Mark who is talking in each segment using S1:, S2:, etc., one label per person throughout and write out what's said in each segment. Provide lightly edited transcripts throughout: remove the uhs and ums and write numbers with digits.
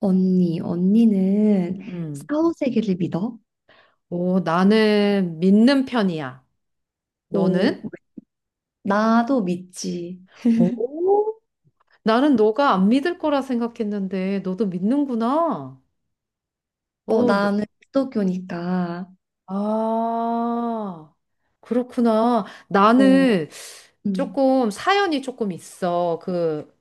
S1: 언니, 언니는
S2: 음. 음.
S1: 사후세계를 믿어?
S2: 오, 나는 믿는 편이야.
S1: 오,
S2: 너는?
S1: 나도 믿지.
S2: 오, 나는 너가 안 믿을 거라 생각했는데 너도 믿는구나.
S1: 어,
S2: 어, 너-
S1: 나는 기독교니까.
S2: 아, 그렇구나.
S1: 어,
S2: 나는
S1: 음,
S2: 조금 사연이 조금 있어. 그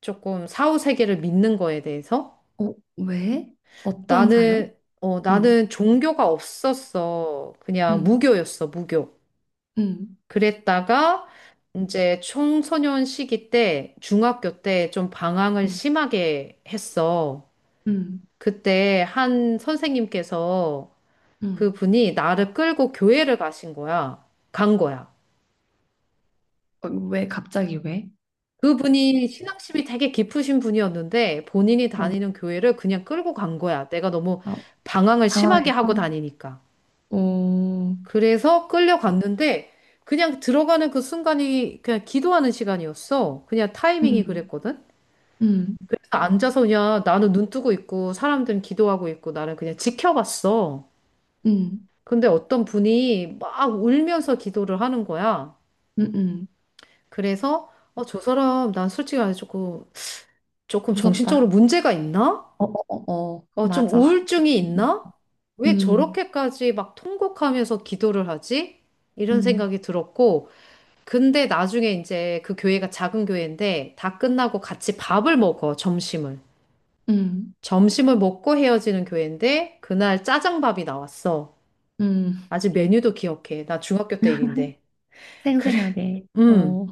S2: 조금 사후 세계를 믿는 거에 대해서.
S1: 어, 왜? 어떤 사연?
S2: 나는 어,
S1: 음,
S2: 나는 종교가 없었어. 그냥
S1: 음,
S2: 무교였어, 무교.
S1: 음,
S2: 그랬다가 이제 청소년 시기 때 중학교 때 좀 방황을
S1: 음,
S2: 심하게 했어.
S1: 응,
S2: 그때 한 선생님께서
S1: 응.
S2: 그분이 나를 끌고 교회를 가신 거야. 간 거야.
S1: 어, 왜 갑자기 왜?
S2: 그분이 신앙심이 되게 깊으신 분이었는데 본인이
S1: 어,
S2: 다니는 교회를 그냥 끌고 간 거야. 내가 너무
S1: 어,
S2: 방황을 심하게 하고
S1: 당황해서.
S2: 다니니까.
S1: 오
S2: 그래서 끌려갔는데 그냥 들어가는 그 순간이 그냥 기도하는 시간이었어. 그냥 타이밍이
S1: 음,
S2: 그랬거든.
S1: 음,
S2: 앉아서 그냥 나는 눈 뜨고 있고 사람들은 기도하고 있고 나는 그냥 지켜봤어.
S1: 음,
S2: 근데 어떤 분이 막 울면서 기도를 하는 거야.
S1: 응.
S2: 그래서 어, 저 사람 난 솔직히 말해 조금
S1: 무섭다.
S2: 정신적으로 문제가 있나?
S1: 어, 어, 어, 어,
S2: 어, 좀
S1: 맞아.
S2: 우울증이 있나? 왜
S1: 음,
S2: 저렇게까지 막 통곡하면서 기도를 하지? 이런
S1: 음, 음,
S2: 생각이 들었고, 근데 나중에 이제 그 교회가 작은 교회인데 다 끝나고 같이 밥을 먹어, 점심을.
S1: 음.
S2: 점심을 먹고 헤어지는 교회인데 그날 짜장밥이 나왔어.
S1: 음.
S2: 아직 메뉴도 기억해. 나 중학교 때 일인데. 그래.
S1: 생생하게.
S2: 음.
S1: 어,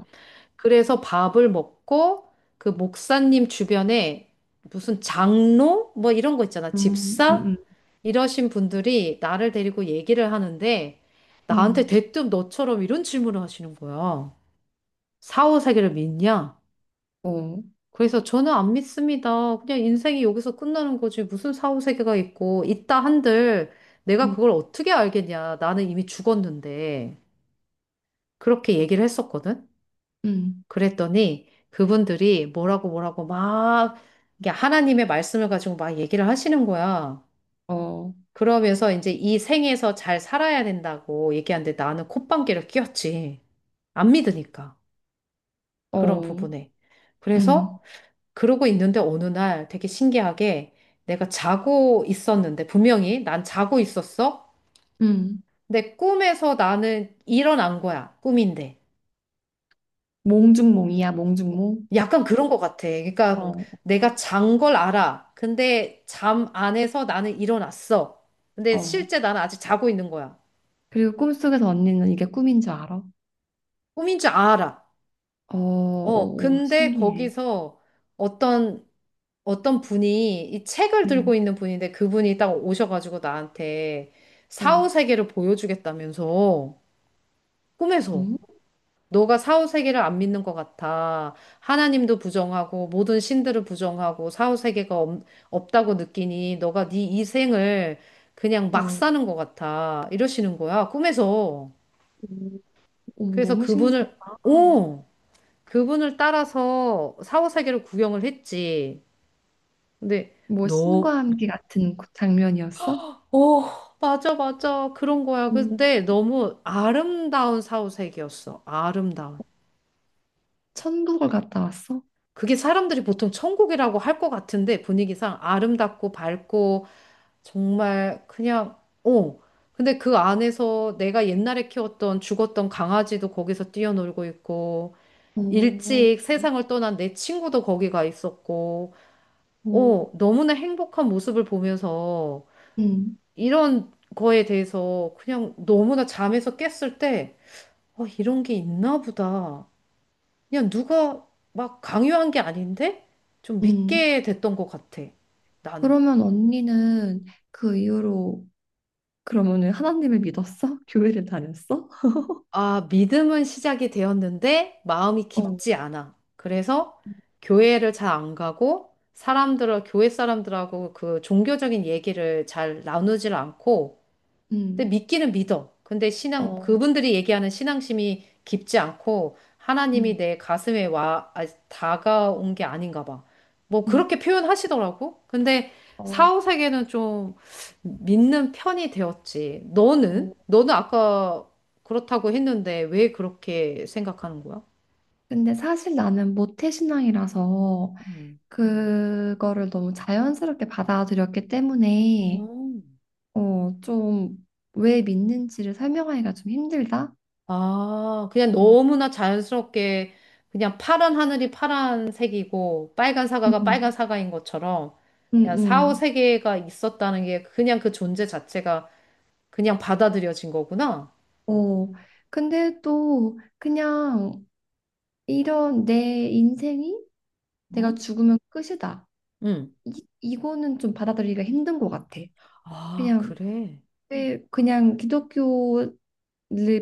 S2: 그래서 밥을 먹고 그 목사님 주변에 무슨 장로 뭐 이런 거 있잖아.
S1: 음,
S2: 집사
S1: 음,
S2: 이러신 분들이 나를 데리고 얘기를 하는데
S1: 음,
S2: 나한테
S1: 음.
S2: 대뜸 너처럼 이런 질문을 하시는 거야. 사후세계를 믿냐?
S1: 어,
S2: 그래서 저는 안 믿습니다. 그냥 인생이 여기서 끝나는 거지. 무슨 사후세계가 있고, 있다 한들 내가
S1: 음,
S2: 그걸 어떻게 알겠냐. 나는 이미 죽었는데. 그렇게 얘기를 했었거든.
S1: 음,
S2: 그랬더니 그분들이 뭐라고 뭐라고 막 이게 하나님의 말씀을 가지고 막 얘기를 하시는 거야.
S1: 어,
S2: 그러면서 이제 이 생에서 잘 살아야 된다고 얘기하는데 나는 콧방귀를 뀌었지. 안 믿으니까. 그런
S1: 어,
S2: 부분에. 그래서
S1: 음,
S2: 그러고 있는데 어느 날 되게 신기하게 내가 자고 있었는데 분명히 난 자고 있었어.
S1: 음.
S2: 근데 꿈에서 나는 일어난 거야. 꿈인데.
S1: 몽중몽이야, 몽중몽.
S2: 약간 그런 것 같아. 그러니까
S1: 어,
S2: 내가 잔 걸 알아. 근데 잠 안에서 나는 일어났어. 근데
S1: 어.
S2: 실제 나는 아직 자고 있는 거야.
S1: 그리고 꿈속에서 언니는 이게 꿈인 줄 알아?
S2: 꿈인 줄 알아.
S1: 어,
S2: 어,
S1: 어, 어,
S2: 근데
S1: 신기해.
S2: 거기서 어떤 어떤 분이 이 책을 들고
S1: 음,
S2: 있는 분인데 그분이 딱 오셔가지고 나한테
S1: 어,
S2: 사후 세계를 보여주겠다면서 꿈에서
S1: 음,
S2: 너가 사후 세계를 안 믿는 것 같아. 하나님도 부정하고 모든 신들을 부정하고 사후 세계가 없다고 느끼니 너가 네 이생을 그냥
S1: 어,
S2: 막
S1: 어,
S2: 사는 것 같아. 이러시는 거야. 꿈에서.
S1: 어,
S2: 그래서
S1: 너무 신기하다.
S2: 그분을 오! 그분을 따라서 사후 세계를 구경을 했지. 근데
S1: 뭐
S2: 너
S1: 신과 함께 같은 그 장면이었어?
S2: 오, 맞아, 맞아. 그런 거야.
S1: 오,
S2: 근데 너무 아름다운 사후세계였어. 아름다운.
S1: 천국을 갔다 왔어?
S2: 그게 사람들이 보통 천국이라고 할 것 같은데 분위기상 아름답고 밝고 정말 그냥, 어. 근데 그 안에서 내가 옛날에 키웠던 죽었던 강아지도 거기서 뛰어놀고 있고,
S1: 오,
S2: 일찍 세상을 떠난 내 친구도 거기가 있었고,
S1: 오,
S2: 어, 너무나 행복한 모습을 보면서
S1: 음,
S2: 이런 거에 대해서 그냥 너무나 잠에서 깼을 때 어, 이런 게 있나 보다. 그냥 누가 막 강요한 게 아닌데 좀
S1: 음.
S2: 믿게 됐던 것 같아. 나는.
S1: 그러면 언니는 그 이후로 그러면은 하나님을 믿었어? 교회를 다녔어?
S2: 아, 믿음은 시작이 되었는데 마음이
S1: 어,
S2: 깊지 않아. 그래서 교회를 잘 안 가고 사람들을, 교회 사람들하고 그 종교적인 얘기를 잘 나누질 않고 근데
S1: 음,
S2: 믿기는 믿어. 근데 신앙,
S1: 어,
S2: 그분들이 얘기하는 신앙심이 깊지 않고
S1: 음,
S2: 하나님이 내 가슴에 다가온 게 아닌가 봐. 뭐
S1: 음,
S2: 그렇게 표현하시더라고. 근데
S1: 어,
S2: 사후세계는 좀 믿는 편이 되었지. 너는?
S1: 어.
S2: 너는 아까 그렇다고 했는데 왜 그렇게 생각하는 거야?
S1: 근데 사실 나는 모태신앙이라서 그거를 너무 자연스럽게 받아들였기 때문에
S2: 음.
S1: 어, 좀 왜 믿는지를 설명하기가 좀 힘들다.
S2: 아, 그냥
S1: 어.
S2: 너무나 자연스럽게 그냥 파란 하늘이 파란색이고 빨간 사과가 빨간
S1: 음,
S2: 사과인 것처럼
S1: 음,
S2: 그냥 사후
S1: 음.
S2: 세계가 있었다는 게 그냥 그 존재 자체가 그냥 받아들여진 거구나.
S1: 어, 근데 또 그냥 이런 내 인생이 내가
S2: 어?
S1: 죽으면 끝이다.
S2: 응.
S1: 이거는 좀 받아들이기가 힘든 것 같아.
S2: 아,
S1: 그냥
S2: 그래.
S1: 왜 그냥 기독교를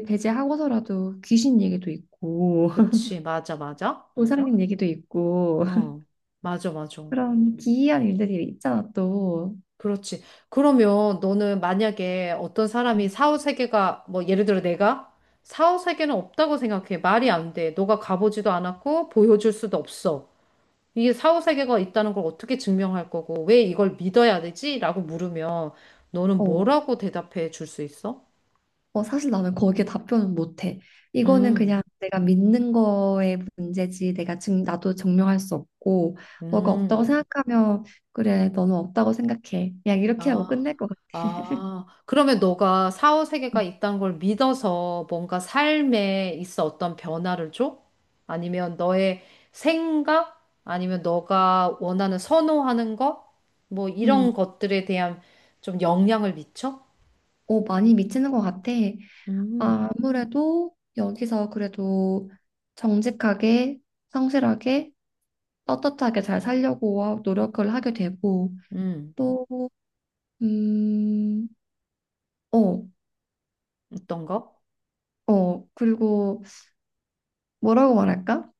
S1: 배제하고서라도 귀신 얘기도 있고
S2: 그치. 맞아, 맞아.
S1: 보살님 얘기도 있고
S2: 응. 맞아, 맞아.
S1: 그런 기이한 일들이 있잖아 또.
S2: 그렇지. 그러면 너는 만약에 어떤 사람이
S1: 음.
S2: 사후 세계가 뭐 예를 들어 내가 사후 세계는 없다고 생각해. 말이 안 돼. 너가 가보지도 않았고 보여줄 수도 없어. 이게 사후세계가 있다는 걸 어떻게 증명할 거고, 왜 이걸 믿어야 되지? 라고 물으면 너는
S1: 어,
S2: 뭐라고 대답해 줄 수 있어?
S1: 어, 사실 나는 거기에 답변은 못해. 이거는
S2: 음,
S1: 그냥 내가 믿는 거의 문제지. 내가 지금 나도 증명할 수 없고 너가 없다고
S2: 음,
S1: 생각하면 그래 너는 없다고 생각해. 그냥 이렇게 하고
S2: 아,
S1: 끝낼 것 같아.
S2: 아. 그러면 너가 사후세계가 있다는 걸 믿어서 뭔가 삶에 있어 어떤 변화를 줘? 아니면 너의 생각? 아니면 너가 원하는 선호하는 것? 뭐 이런
S1: 음.
S2: 것들에 대한 좀 영향을 미쳐?
S1: 오 많이 미치는 것 같아. 아,
S2: 음,
S1: 아무래도 여기서 그래도 정직하게, 성실하게, 떳떳하게 잘 살려고 노력을 하게 되고,
S2: 음,
S1: 또, 음, 어,
S2: 어떤 거?
S1: 어, 그리고 뭐라고 말할까?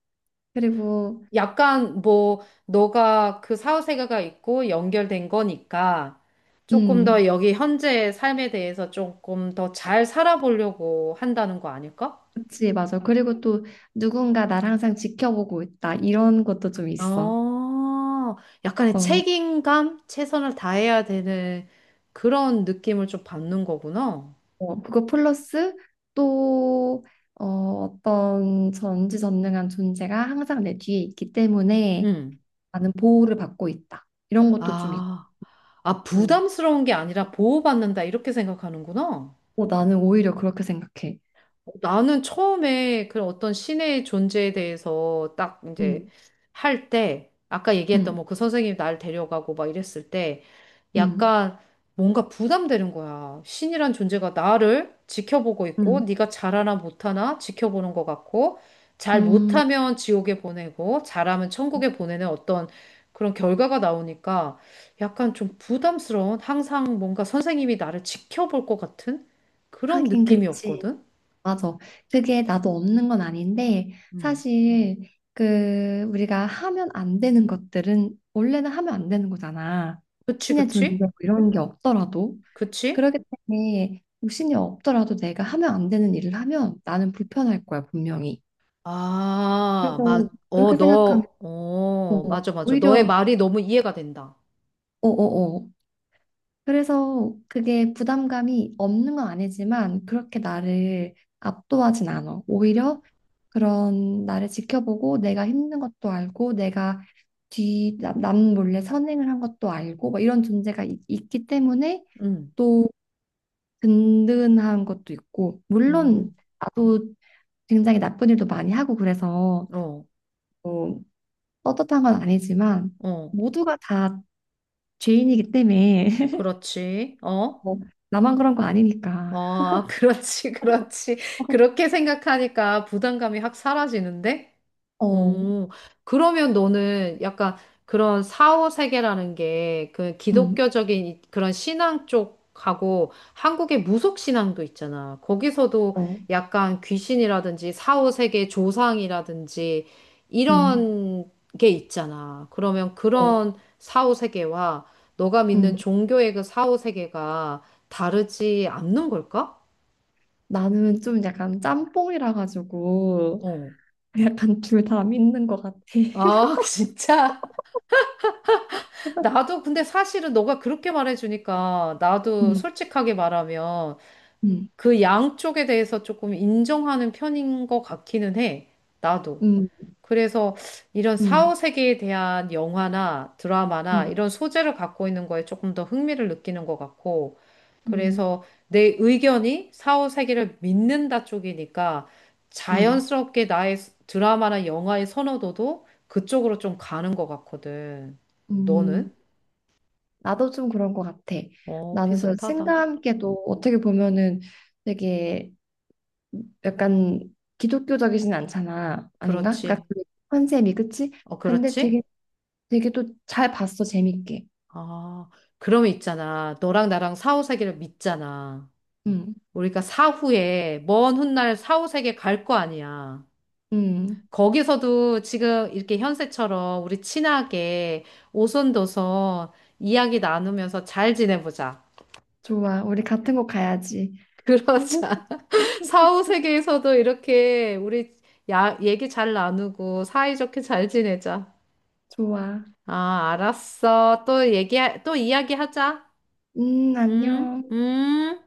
S1: 그리고,
S2: 약간 뭐 너가 그 사후세계가 있고 연결된 거니까 조금 더
S1: 음,
S2: 여기 현재의 삶에 대해서 조금 더 잘 살아보려고 한다는 거 아닐까?
S1: 그치, 맞아. 그리고 또 누군가 나를 항상 지켜보고 있다. 이런 것도 좀 있어.
S2: 어, 약간의
S1: 어.
S2: 책임감, 최선을 다해야 되는 그런 느낌을 좀 받는 거구나.
S1: 어, 그거 플러스 또 어, 어떤 전지전능한 존재가 항상 내 뒤에 있기 때문에
S2: 음.
S1: 나는 보호를 받고 있다. 이런 것도 좀 있고.
S2: 아, 아, 부담스러운 게 아니라 보호받는다 이렇게 생각하는구나.
S1: 어, 나는 오히려 그렇게 생각해.
S2: 나는 처음에 그런 어떤 신의 존재에 대해서 딱 이제
S1: 음,
S2: 할 때, 아까 얘기했던
S1: 음,
S2: 뭐 그 선생님이 날 데려가고 막 이랬을 때,
S1: 음,
S2: 약간 뭔가 부담되는 거야. 신이란 존재가 나를 지켜보고 있고,
S1: 음,
S2: 네가 잘하나 못하나 지켜보는 것 같고, 잘
S1: 음.
S2: 못하면 지옥에 보내고, 잘하면 천국에 보내는 어떤 그런 결과가 나오니까 약간 좀 부담스러운, 항상 뭔가 선생님이 나를 지켜볼 것 같은 그런
S1: 하긴 그치.
S2: 느낌이었거든.
S1: 맞아. 그게 나도 없는 건 아닌데
S2: 음.
S1: 사실 그 우리가 하면 안 되는 것들은 원래는 하면 안 되는 거잖아.
S2: 그치,
S1: 신의 존재
S2: 그치?
S1: 뭐 이런 게 없더라도.
S2: 그치?
S1: 그렇기 때문에 육신이 없더라도 내가 하면 안 되는 일을 하면 나는 불편할 거야, 분명히.
S2: 아,
S1: 그래서
S2: 마, 어,
S1: 그렇게 생각하면
S2: 너, 어,
S1: 뭐
S2: 맞아, 맞아. 너의
S1: 오히려
S2: 말이 너무 이해가 된다.
S1: 어어어. 그래서 그게 부담감이 없는 건 아니지만 그렇게 나를 압도하진 않아. 오히려 그런 나를 지켜보고 내가 힘든 것도 알고 내가 뒤 남 몰래 선행을 한 것도 알고 뭐 이런 존재가 있기 때문에
S2: 음,
S1: 또 든든한 것도 있고 물론
S2: 음,
S1: 나도 굉장히 나쁜 일도 많이 하고 그래서
S2: 어,
S1: 뭐 떳떳한 건 아니지만
S2: 어,
S1: 모두가 다 죄인이기 때문에
S2: 그렇지. 어,
S1: 뭐 나만 그런 거 아니니까
S2: 어, 그렇지, 그렇지. 그렇게 생각하니까 부담감이 확 사라지는데?
S1: 어,
S2: 오, 그러면 너는 약간 그런 사후 세계라는 게 그
S1: 음,
S2: 그런 신앙 쪽하고 한국의 무속 신앙도 있잖아. 거기서도
S1: 어,
S2: 약간 귀신이라든지 사후 세계 조상이라든지
S1: 음,
S2: 이런 게 있잖아. 그러면
S1: 어,
S2: 그런 사후 세계와 너가 믿는
S1: 음.
S2: 종교의 그 사후 세계가 다르지 않는 걸까?
S1: 나는 좀 약간 짬뽕이라 가지고
S2: 어.
S1: 약간 둘 다 믿는 것 같아.
S2: 아, 진짜? 나도 근데 사실은 너가 그렇게 말해주니까 나도
S1: 음,
S2: 솔직하게 말하면
S1: 음,
S2: 그 양쪽에 대해서 조금 인정하는 편인 것 같기는 해. 나도.
S1: 음,
S2: 그래서 이런
S1: 음,
S2: 사후 세계에 대한 영화나 드라마나
S1: 음,
S2: 이런 소재를 갖고 있는 거에 조금 더 흥미를 느끼는 것 같고.
S1: 음,
S2: 그래서 내 의견이 사후 세계를 믿는다 쪽이니까
S1: 음,
S2: 자연스럽게 나의 드라마나 영화의 선호도도 그쪽으로 좀 가는 것 같거든.
S1: 음.
S2: 너는?
S1: 나도 좀 그런 것 같아.
S2: 어,
S1: 나는 그래서
S2: 비슷하다.
S1: 친구와 함께도 어떻게 보면은 되게 약간 기독교적이진 않잖아. 아닌가? 그러니까
S2: 그렇지.
S1: 그 컨셉이 그치?
S2: 어,
S1: 근데
S2: 그렇지?
S1: 되게 되게 또 잘 봤어. 재밌게.
S2: 아, 그러면 있잖아. 너랑 나랑 사후세계를 믿잖아.
S1: 음.
S2: 우리가 사후에, 먼 훗날 사후세계 갈 거 아니야.
S1: 음.
S2: 거기서도 지금 이렇게 현세처럼 우리 친하게 오손도손 이야기 나누면서 잘 지내보자.
S1: 좋아. 우리 같은 곳 가야지.
S2: 그러자. 사후세계에서도 이렇게 우리 야, 얘기 잘 나누고 사이좋게 잘 지내자.
S1: 좋아.
S2: 아, 알았어. 또 얘기, 또 이야기하자. 응?
S1: 안녕.
S2: 응?